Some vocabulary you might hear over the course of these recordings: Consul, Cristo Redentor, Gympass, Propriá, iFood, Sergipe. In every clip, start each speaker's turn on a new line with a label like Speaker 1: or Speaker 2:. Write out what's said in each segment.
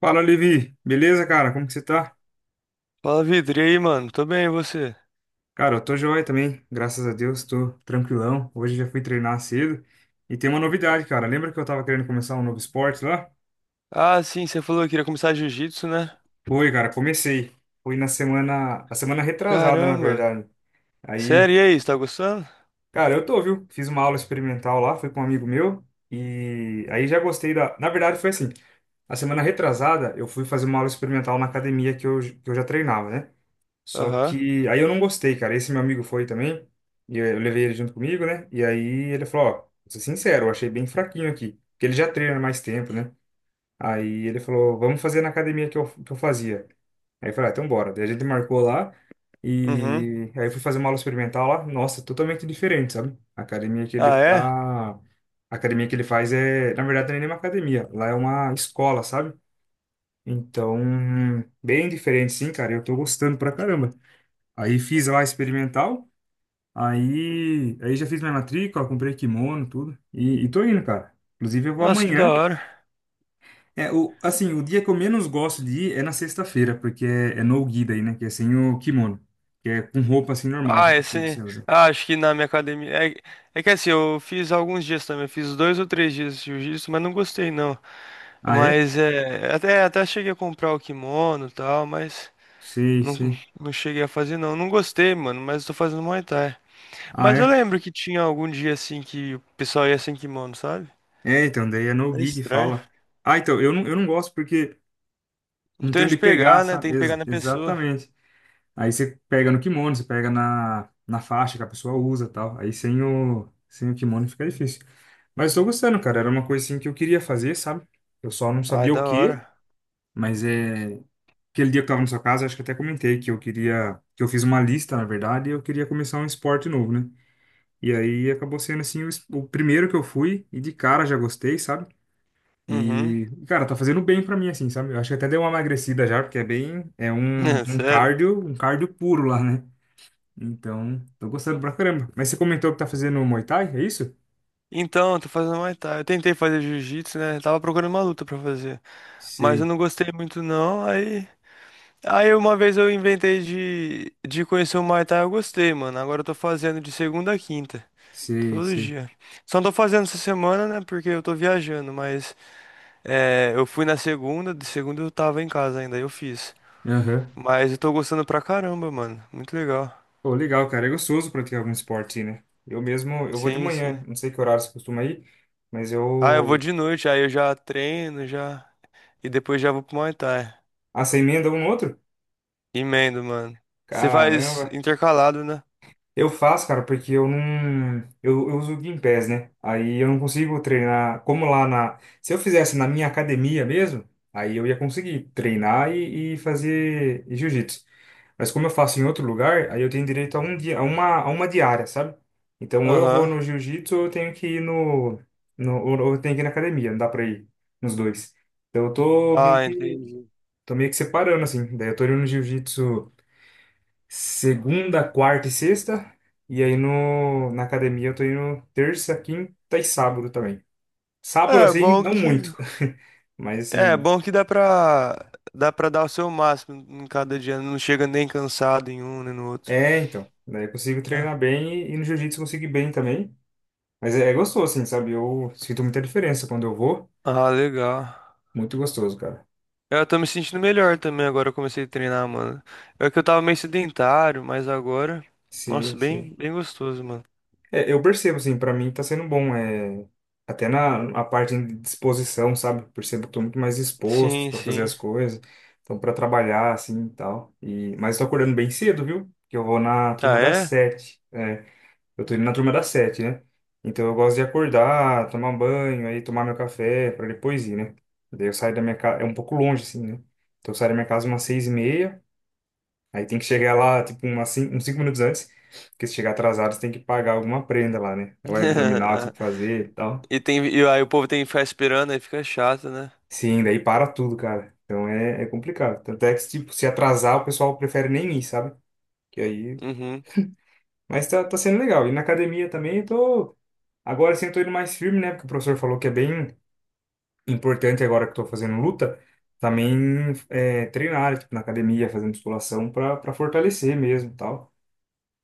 Speaker 1: Fala, Levi. Beleza, cara? Como que você tá?
Speaker 2: Fala, Vitor. E aí, mano? Tô bem, e você?
Speaker 1: Cara, eu tô joia também, graças a Deus, tô tranquilão. Hoje já fui treinar cedo. E tem uma novidade, cara. Lembra que eu tava querendo começar um novo esporte lá?
Speaker 2: Ah, sim, você falou que queria começar jiu-jitsu, né?
Speaker 1: Foi, cara, comecei. Foi a semana retrasada, na
Speaker 2: Caramba.
Speaker 1: verdade. Aí,
Speaker 2: Sério, e aí, você tá gostando?
Speaker 1: cara, eu tô, viu? Fiz uma aula experimental lá, fui com um amigo meu. E aí já gostei da. Na verdade, foi assim. A semana retrasada, eu fui fazer uma aula experimental na academia que eu já treinava, né? Só
Speaker 2: Aham.
Speaker 1: que aí eu não gostei, cara. Esse meu amigo foi também. E eu levei ele junto comigo, né? E aí ele falou, ó, vou ser sincero, eu achei bem fraquinho aqui. Porque ele já treina mais tempo, né? Aí ele falou, vamos fazer na academia que eu fazia. Aí eu falei, ah, então bora. Daí a gente marcou lá.
Speaker 2: Uhum.
Speaker 1: E aí eu fui fazer uma aula experimental lá. Nossa, totalmente diferente, sabe? A academia que
Speaker 2: Ah,
Speaker 1: ele
Speaker 2: é?
Speaker 1: tá... A academia que ele faz é... Na verdade, não é nem uma academia. Lá é uma escola, sabe? Então, bem diferente, sim, cara. Eu tô gostando pra caramba. Aí fiz lá experimental, aí já fiz minha matrícula, comprei kimono, tudo. E tô indo, cara. Inclusive eu vou
Speaker 2: Nossa, que da
Speaker 1: amanhã.
Speaker 2: hora.
Speaker 1: É, o, assim, o dia que eu menos gosto de ir é na sexta-feira, porque é no-gi daí, né? Que é sem o kimono. Que é com roupa assim
Speaker 2: Ah,
Speaker 1: normal
Speaker 2: é
Speaker 1: que
Speaker 2: sim,
Speaker 1: você usa.
Speaker 2: ah, acho que na minha academia... É... é que assim, eu fiz alguns dias também. Eu fiz dois ou três dias de jiu-jitsu, mas não gostei, não.
Speaker 1: Ah, é?
Speaker 2: Mas, é... Até cheguei a comprar o kimono e tal, mas...
Speaker 1: Sei,
Speaker 2: Não,
Speaker 1: sei.
Speaker 2: não cheguei a fazer, não. Não gostei, mano, mas tô fazendo Muay Thai.
Speaker 1: Ah,
Speaker 2: Mas eu
Speaker 1: é?
Speaker 2: lembro que tinha algum dia, assim, que o pessoal ia sem kimono, sabe?
Speaker 1: É, então, daí é
Speaker 2: É
Speaker 1: no-gi que
Speaker 2: estranho.
Speaker 1: fala. Ah, então, eu não gosto porque
Speaker 2: Não
Speaker 1: não
Speaker 2: tem
Speaker 1: tem
Speaker 2: onde
Speaker 1: onde pegar,
Speaker 2: pegar, né? Tem
Speaker 1: sabe?
Speaker 2: que pegar
Speaker 1: Ex-
Speaker 2: na pessoa.
Speaker 1: exatamente. Aí você pega no kimono, você pega na faixa que a pessoa usa e tal. Aí sem o kimono fica difícil. Mas eu tô gostando, cara. Era uma coisa assim que eu queria fazer, sabe? Eu só não
Speaker 2: Ah,
Speaker 1: sabia o
Speaker 2: da
Speaker 1: quê,
Speaker 2: hora.
Speaker 1: mas é. Aquele dia que eu tava na sua casa, acho que até comentei que eu queria. Que eu fiz uma lista, na verdade, e eu queria começar um esporte novo, né? E aí acabou sendo assim o primeiro que eu fui, e de cara já gostei, sabe?
Speaker 2: Uhum.
Speaker 1: E, cara, tá fazendo bem pra mim, assim, sabe? Eu acho que até deu uma emagrecida já, porque é bem. É um,
Speaker 2: É,
Speaker 1: um
Speaker 2: sério.
Speaker 1: cardio, um cardio puro lá, né? Então, tô gostando pra caramba. Mas você comentou que tá fazendo Muay Thai, é isso?
Speaker 2: Então, eu tô fazendo Muay Thai. Eu tentei fazer jiu-jitsu, né? Tava procurando uma luta pra fazer. Mas eu
Speaker 1: Sei,
Speaker 2: não gostei muito, não. Aí. Aí uma vez eu inventei de conhecer o Muay Thai, eu gostei, mano. Agora eu tô fazendo de segunda a quinta.
Speaker 1: sei,
Speaker 2: Todo
Speaker 1: sei.
Speaker 2: dia. Só não tô fazendo essa semana, né? Porque eu tô viajando, mas é, eu fui na segunda, de segunda eu tava em casa ainda, aí eu fiz.
Speaker 1: Aham.
Speaker 2: Mas eu tô gostando pra caramba, mano. Muito legal.
Speaker 1: Pô, legal, cara. É gostoso praticar algum esporte, né? Eu mesmo, eu vou de
Speaker 2: Sim,
Speaker 1: manhã.
Speaker 2: sim.
Speaker 1: Não sei que horário você costuma ir, mas
Speaker 2: Ah, eu vou
Speaker 1: eu...
Speaker 2: de noite, aí eu já treino, já. E depois já vou pro Muay Thai.
Speaker 1: Ah, você emenda um no outro?
Speaker 2: Emendo, mano. Você faz
Speaker 1: Caramba.
Speaker 2: intercalado, né?
Speaker 1: Eu faço, cara, porque eu não... Eu uso o Gympass, né? Aí eu não consigo treinar... Como lá na... Se eu fizesse na minha academia mesmo, aí eu ia conseguir treinar e fazer jiu-jitsu. Mas como eu faço em outro lugar, aí eu tenho direito a um dia, a uma diária, sabe? Então, ou eu vou
Speaker 2: Aham.
Speaker 1: no jiu-jitsu, ou eu tenho que ir no, no, ou eu tenho que ir na academia, não dá pra ir nos dois. Então, eu tô meio
Speaker 2: Ah,
Speaker 1: que,
Speaker 2: entendi.
Speaker 1: tô meio que separando, assim. Daí eu tô indo no jiu-jitsu segunda, quarta e sexta, e aí no, na academia eu tô indo terça, quinta e sábado também. Sábado,
Speaker 2: É
Speaker 1: assim,
Speaker 2: bom
Speaker 1: não
Speaker 2: que.
Speaker 1: muito, mas
Speaker 2: É
Speaker 1: assim,
Speaker 2: bom que dá pra. Dá pra dar o seu máximo em cada dia. Não chega nem cansado em um nem no outro.
Speaker 1: é, então. Daí eu
Speaker 2: Você
Speaker 1: consigo
Speaker 2: tá.
Speaker 1: treinar bem e no jiu-jitsu eu consigo ir bem também. Mas é gostoso, assim, sabe? Eu sinto muita diferença quando eu vou.
Speaker 2: Ah, legal.
Speaker 1: Muito gostoso, cara.
Speaker 2: É, eu tô me sentindo melhor também agora. Eu comecei a treinar, mano. É que eu tava meio sedentário, mas agora.
Speaker 1: Sim,
Speaker 2: Nossa,
Speaker 1: sim.
Speaker 2: bem, bem gostoso, mano.
Speaker 1: É, eu percebo, assim, pra mim tá sendo bom. É... Até na a parte de disposição, sabe? Percebo que eu tô muito mais disposto
Speaker 2: Sim,
Speaker 1: pra fazer
Speaker 2: sim.
Speaker 1: as coisas. Então, pra trabalhar, assim, e tal. E... Mas tô acordando bem cedo, viu? Porque eu vou na
Speaker 2: Ah,
Speaker 1: turma das
Speaker 2: é?
Speaker 1: 7. É, eu tô indo na turma das 7, né? Então, eu gosto de acordar, tomar banho, aí tomar meu café pra depois ir, né? Daí eu saio da minha casa... É um pouco longe, assim, né? Então, eu saio da minha casa umas 6:30. Aí tem que chegar lá, tipo, uns 5 minutos antes, porque se chegar atrasado, você tem que pagar alguma prenda lá, né? É o abdominal que você tem que fazer e tal.
Speaker 2: E tem, e aí o povo tem que ficar esperando, aí fica chato, né?
Speaker 1: Sim, daí para tudo, cara. Então é complicado. Tanto é que, tipo, se atrasar, o pessoal prefere nem ir, sabe? Que aí...
Speaker 2: Uhum.
Speaker 1: Mas tá sendo legal. E na academia também, eu tô... Agora sim, eu tô indo mais firme, né? Porque o professor falou que é bem importante agora que eu tô fazendo luta, também é, treinar, tipo, na academia, fazer musculação pra fortalecer mesmo e tal.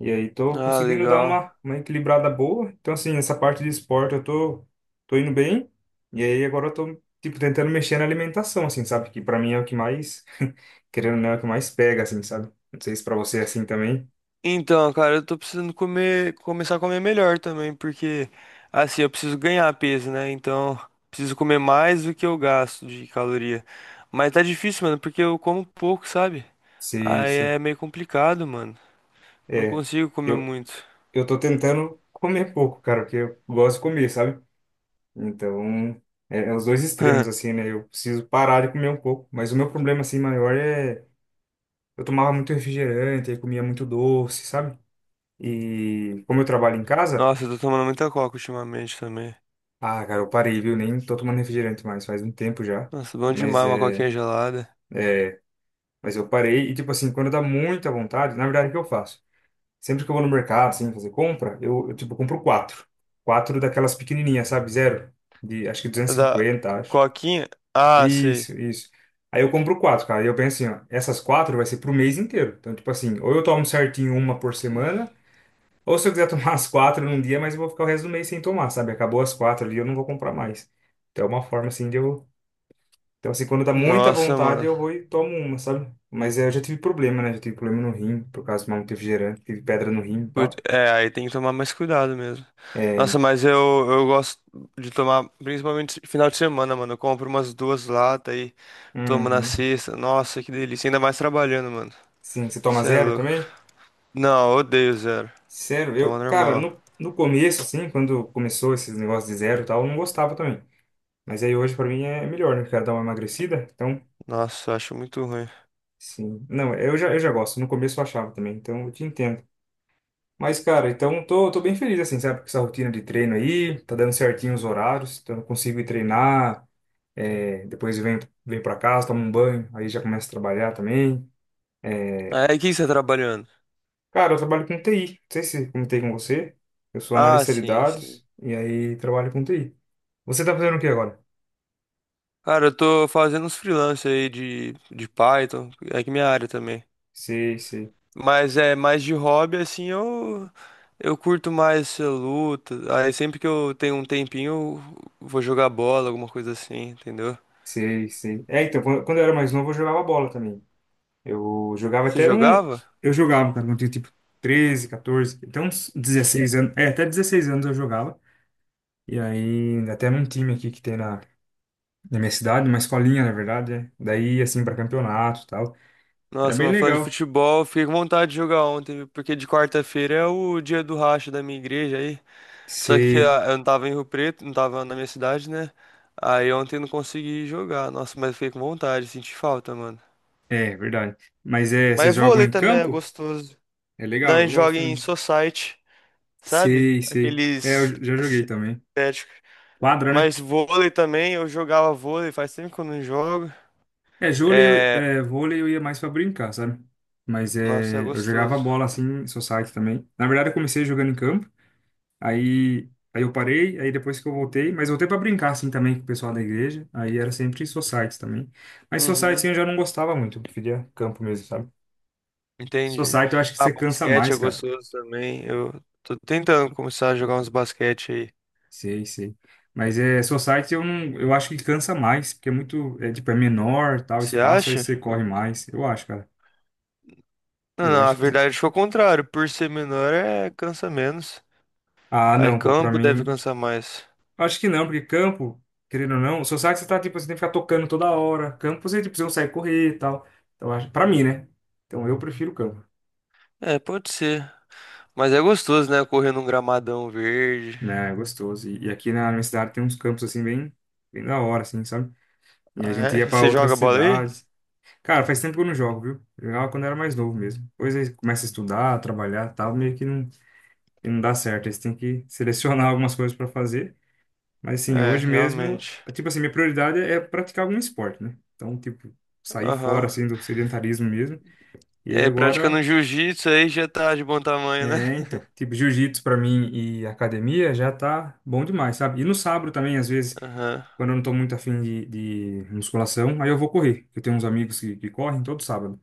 Speaker 1: E aí tô
Speaker 2: Ah,
Speaker 1: conseguindo dar
Speaker 2: legal.
Speaker 1: uma equilibrada boa. Então, assim, essa parte de esporte eu tô indo bem. E aí agora eu tô, tipo, tentando mexer na alimentação, assim, sabe? Que pra mim é o que mais, querendo ou não, é o que mais pega, assim, sabe? Não sei se pra você é assim também.
Speaker 2: Então, cara, eu tô precisando comer, começar a comer melhor também, porque assim, eu preciso ganhar peso, né? Então, preciso comer mais do que eu gasto de caloria. Mas tá difícil, mano, porque eu como pouco, sabe?
Speaker 1: Sim,
Speaker 2: Aí
Speaker 1: sim.
Speaker 2: é meio complicado, mano. Não
Speaker 1: É.
Speaker 2: consigo comer
Speaker 1: Eu,
Speaker 2: muito.
Speaker 1: eu tô tentando comer pouco, cara, porque eu gosto de comer, sabe? Então, é os dois extremos, assim, né? Eu preciso parar de comer um pouco. Mas o meu problema, assim, maior é... Eu tomava muito refrigerante, aí comia muito doce, sabe? E como eu trabalho em casa,
Speaker 2: Nossa, eu tô tomando muita coca ultimamente também.
Speaker 1: ah, cara, eu parei, viu? Nem tô tomando refrigerante mais, faz um tempo já.
Speaker 2: Nossa, bom
Speaker 1: Mas
Speaker 2: demais uma
Speaker 1: é,
Speaker 2: coquinha gelada.
Speaker 1: mas eu parei e tipo assim, quando dá muita vontade, na verdade o que eu faço? Sempre que eu vou no mercado, assim, fazer compra, eu tipo compro quatro. Quatro daquelas pequenininhas, sabe? Zero, de acho que duzentos e
Speaker 2: Da
Speaker 1: cinquenta, acho.
Speaker 2: coquinha? Ah, sei.
Speaker 1: Isso, isso. Aí eu compro quatro, cara. E eu penso assim, ó, essas quatro vai ser pro mês inteiro. Então, tipo assim, ou eu tomo certinho uma por semana, ou se eu quiser tomar as quatro num dia, mas eu vou ficar o resto do mês sem tomar, sabe? Acabou as quatro ali, eu não vou comprar mais. Então é uma forma assim de eu. Então, assim, quando dá muita
Speaker 2: Nossa,
Speaker 1: vontade,
Speaker 2: mano.
Speaker 1: eu vou e tomo uma, sabe? Mas eu já tive problema, né? Já tive problema no rim, por causa de tomar muito refrigerante, tive pedra no rim e
Speaker 2: Put-
Speaker 1: tal.
Speaker 2: É, aí tem que tomar mais cuidado mesmo.
Speaker 1: É.
Speaker 2: Nossa, mas eu gosto de tomar, principalmente final de semana, mano. Eu compro umas duas latas e tomo na
Speaker 1: Uhum.
Speaker 2: sexta. Nossa, que delícia. Ainda mais trabalhando, mano.
Speaker 1: Sim, você toma
Speaker 2: Você é
Speaker 1: zero
Speaker 2: louco.
Speaker 1: também?
Speaker 2: Não, eu odeio zero.
Speaker 1: Zero. Eu,
Speaker 2: Toma
Speaker 1: cara,
Speaker 2: normal.
Speaker 1: no começo, assim, quando começou esses negócios de zero e tal, eu não gostava também. Mas aí hoje, pra mim, é melhor, né? Quero dar uma emagrecida, então.
Speaker 2: Nossa, eu acho muito ruim.
Speaker 1: Sim. Não, eu já gosto. No começo eu achava também, então eu te entendo. Mas, cara, então tô bem feliz, assim, sabe, com essa rotina de treino aí, tá dando certinho os horários, então eu consigo ir treinar, é, depois eu venho, pra casa, tomo um banho, aí já começo a trabalhar também.
Speaker 2: Aí, o que você tá trabalhando?
Speaker 1: Cara, eu trabalho com TI, não sei se comentei com você, eu sou
Speaker 2: Ah,
Speaker 1: analista de
Speaker 2: sim, sim.
Speaker 1: dados e aí trabalho com TI. Você tá fazendo o que agora?
Speaker 2: Cara, eu tô fazendo uns freelance aí de Python. É que minha área também.
Speaker 1: Sei, sei,
Speaker 2: Mas é mais de hobby, assim, eu curto mais luta. Aí sempre que eu tenho um tempinho, eu vou jogar bola, alguma coisa assim, entendeu?
Speaker 1: sei, sei. É, então, quando eu era mais novo, eu jogava bola também. Eu jogava
Speaker 2: Você
Speaker 1: até um
Speaker 2: jogava?
Speaker 1: Eu jogava, cara, quando eu tinha, tipo, 13 14, até uns 16 anos, é, até 16 anos eu jogava. E aí, até num time aqui que tem na minha cidade, uma escolinha, na verdade, né? Daí, assim, pra campeonato e tal. Era
Speaker 2: Nossa,
Speaker 1: bem
Speaker 2: mano, falando de
Speaker 1: legal.
Speaker 2: futebol, fiquei com vontade de jogar ontem, viu? Porque de quarta-feira é o dia do racha da minha igreja aí. Só que
Speaker 1: Você.
Speaker 2: ah, eu não tava em Rio Preto, não tava na minha cidade, né? Aí ontem eu não consegui jogar. Nossa, mas fiquei com vontade, senti falta, mano.
Speaker 1: É, verdade. Mas vocês
Speaker 2: Mas
Speaker 1: jogam
Speaker 2: vôlei
Speaker 1: em
Speaker 2: também é
Speaker 1: campo?
Speaker 2: gostoso.
Speaker 1: É
Speaker 2: Não,
Speaker 1: legal,
Speaker 2: a
Speaker 1: eu
Speaker 2: gente
Speaker 1: gosto
Speaker 2: joga em
Speaker 1: também.
Speaker 2: society. Sabe?
Speaker 1: Sei, sei. É, eu
Speaker 2: Aqueles
Speaker 1: já joguei também.
Speaker 2: asiáticos.
Speaker 1: Quadra, né?
Speaker 2: Mas vôlei também, eu jogava vôlei, faz tempo que eu não jogo.
Speaker 1: É, vôlei, eu-
Speaker 2: É,
Speaker 1: é, vôlei eu ia mais pra brincar, sabe? Mas
Speaker 2: nossa, é
Speaker 1: eu jogava
Speaker 2: gostoso.
Speaker 1: bola assim, society também. Na verdade, eu comecei jogando em campo. Aí, aí eu parei, aí depois que eu voltei, mas voltei para brincar assim também com o pessoal da igreja. Aí era sempre society também. Mas society
Speaker 2: Uhum,
Speaker 1: assim, eu já não gostava muito, eu preferia campo mesmo, sabe?
Speaker 2: entendi.
Speaker 1: Society eu acho que
Speaker 2: Ah,
Speaker 1: você cansa
Speaker 2: basquete é
Speaker 1: mais, cara.
Speaker 2: gostoso também. Eu tô tentando começar a jogar uns basquete aí.
Speaker 1: Sei, sei. Mas é society eu não, eu acho que cansa mais, porque é muito, é tipo é menor, tal
Speaker 2: Você
Speaker 1: espaço, aí
Speaker 2: acha?
Speaker 1: você corre mais. Eu acho, cara.
Speaker 2: Não,
Speaker 1: Eu
Speaker 2: não, a
Speaker 1: acho que
Speaker 2: verdade foi o contrário. Por ser menor, é cansa menos.
Speaker 1: Ah,
Speaker 2: Aí
Speaker 1: não, pô, para
Speaker 2: campo deve
Speaker 1: mim
Speaker 2: cansar mais.
Speaker 1: Acho que não, porque campo, querendo ou não, o sabe você tá, tipo, você tem que ficar tocando toda hora. Campo você, tipo, você consegue correr e tal. Então, acho, pra mim, né? Então, eu prefiro campo.
Speaker 2: É, pode ser. Mas é gostoso, né? Correr num gramadão verde.
Speaker 1: Né, é gostoso. E aqui na minha cidade tem uns campos, assim, bem, bem da hora, assim, sabe? E a
Speaker 2: Ah,
Speaker 1: gente
Speaker 2: é?
Speaker 1: ia
Speaker 2: E
Speaker 1: pra
Speaker 2: você
Speaker 1: outras
Speaker 2: joga bola aí?
Speaker 1: cidades. Cara, faz tempo que eu não jogo, viu? Eu jogava quando eu era mais novo mesmo. Depois aí começa a estudar, trabalhar e tal, meio que não dá certo. Aí você tem que selecionar algumas coisas pra fazer. Mas assim,
Speaker 2: É,
Speaker 1: hoje mesmo,
Speaker 2: realmente.
Speaker 1: tipo assim, minha prioridade é praticar algum esporte, né? Então, tipo, sair fora
Speaker 2: Aham.
Speaker 1: assim do sedentarismo mesmo. E aí
Speaker 2: É, praticando um
Speaker 1: agora,
Speaker 2: jiu-jitsu aí já tá de bom tamanho, né?
Speaker 1: é, então, tipo, jiu-jitsu pra mim e academia já tá bom demais, sabe? E no sábado também, às vezes,
Speaker 2: Aham.
Speaker 1: quando eu não tô muito afim de musculação, aí eu vou correr. Eu tenho uns amigos que correm todo sábado.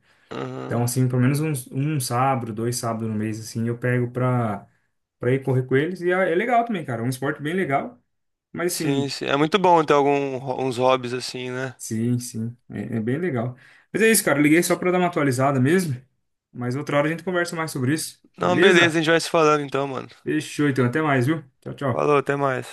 Speaker 1: Então,
Speaker 2: Aham.
Speaker 1: assim, pelo menos um sábado, 2 sábados no mês, assim, eu pego pra ir correr com eles. E é legal também, cara. É um esporte bem legal. Mas
Speaker 2: Sim,
Speaker 1: assim,
Speaker 2: sim. É muito bom ter alguns hobbies assim, né?
Speaker 1: Sim, sim. É bem legal. Mas é isso, cara. Eu liguei só pra dar uma atualizada mesmo. Mas outra hora a gente conversa mais sobre isso.
Speaker 2: Não, beleza,
Speaker 1: Beleza?
Speaker 2: a gente vai se falando então, mano.
Speaker 1: Fechou, então. Até mais, viu? Tchau, tchau.
Speaker 2: Falou, até mais.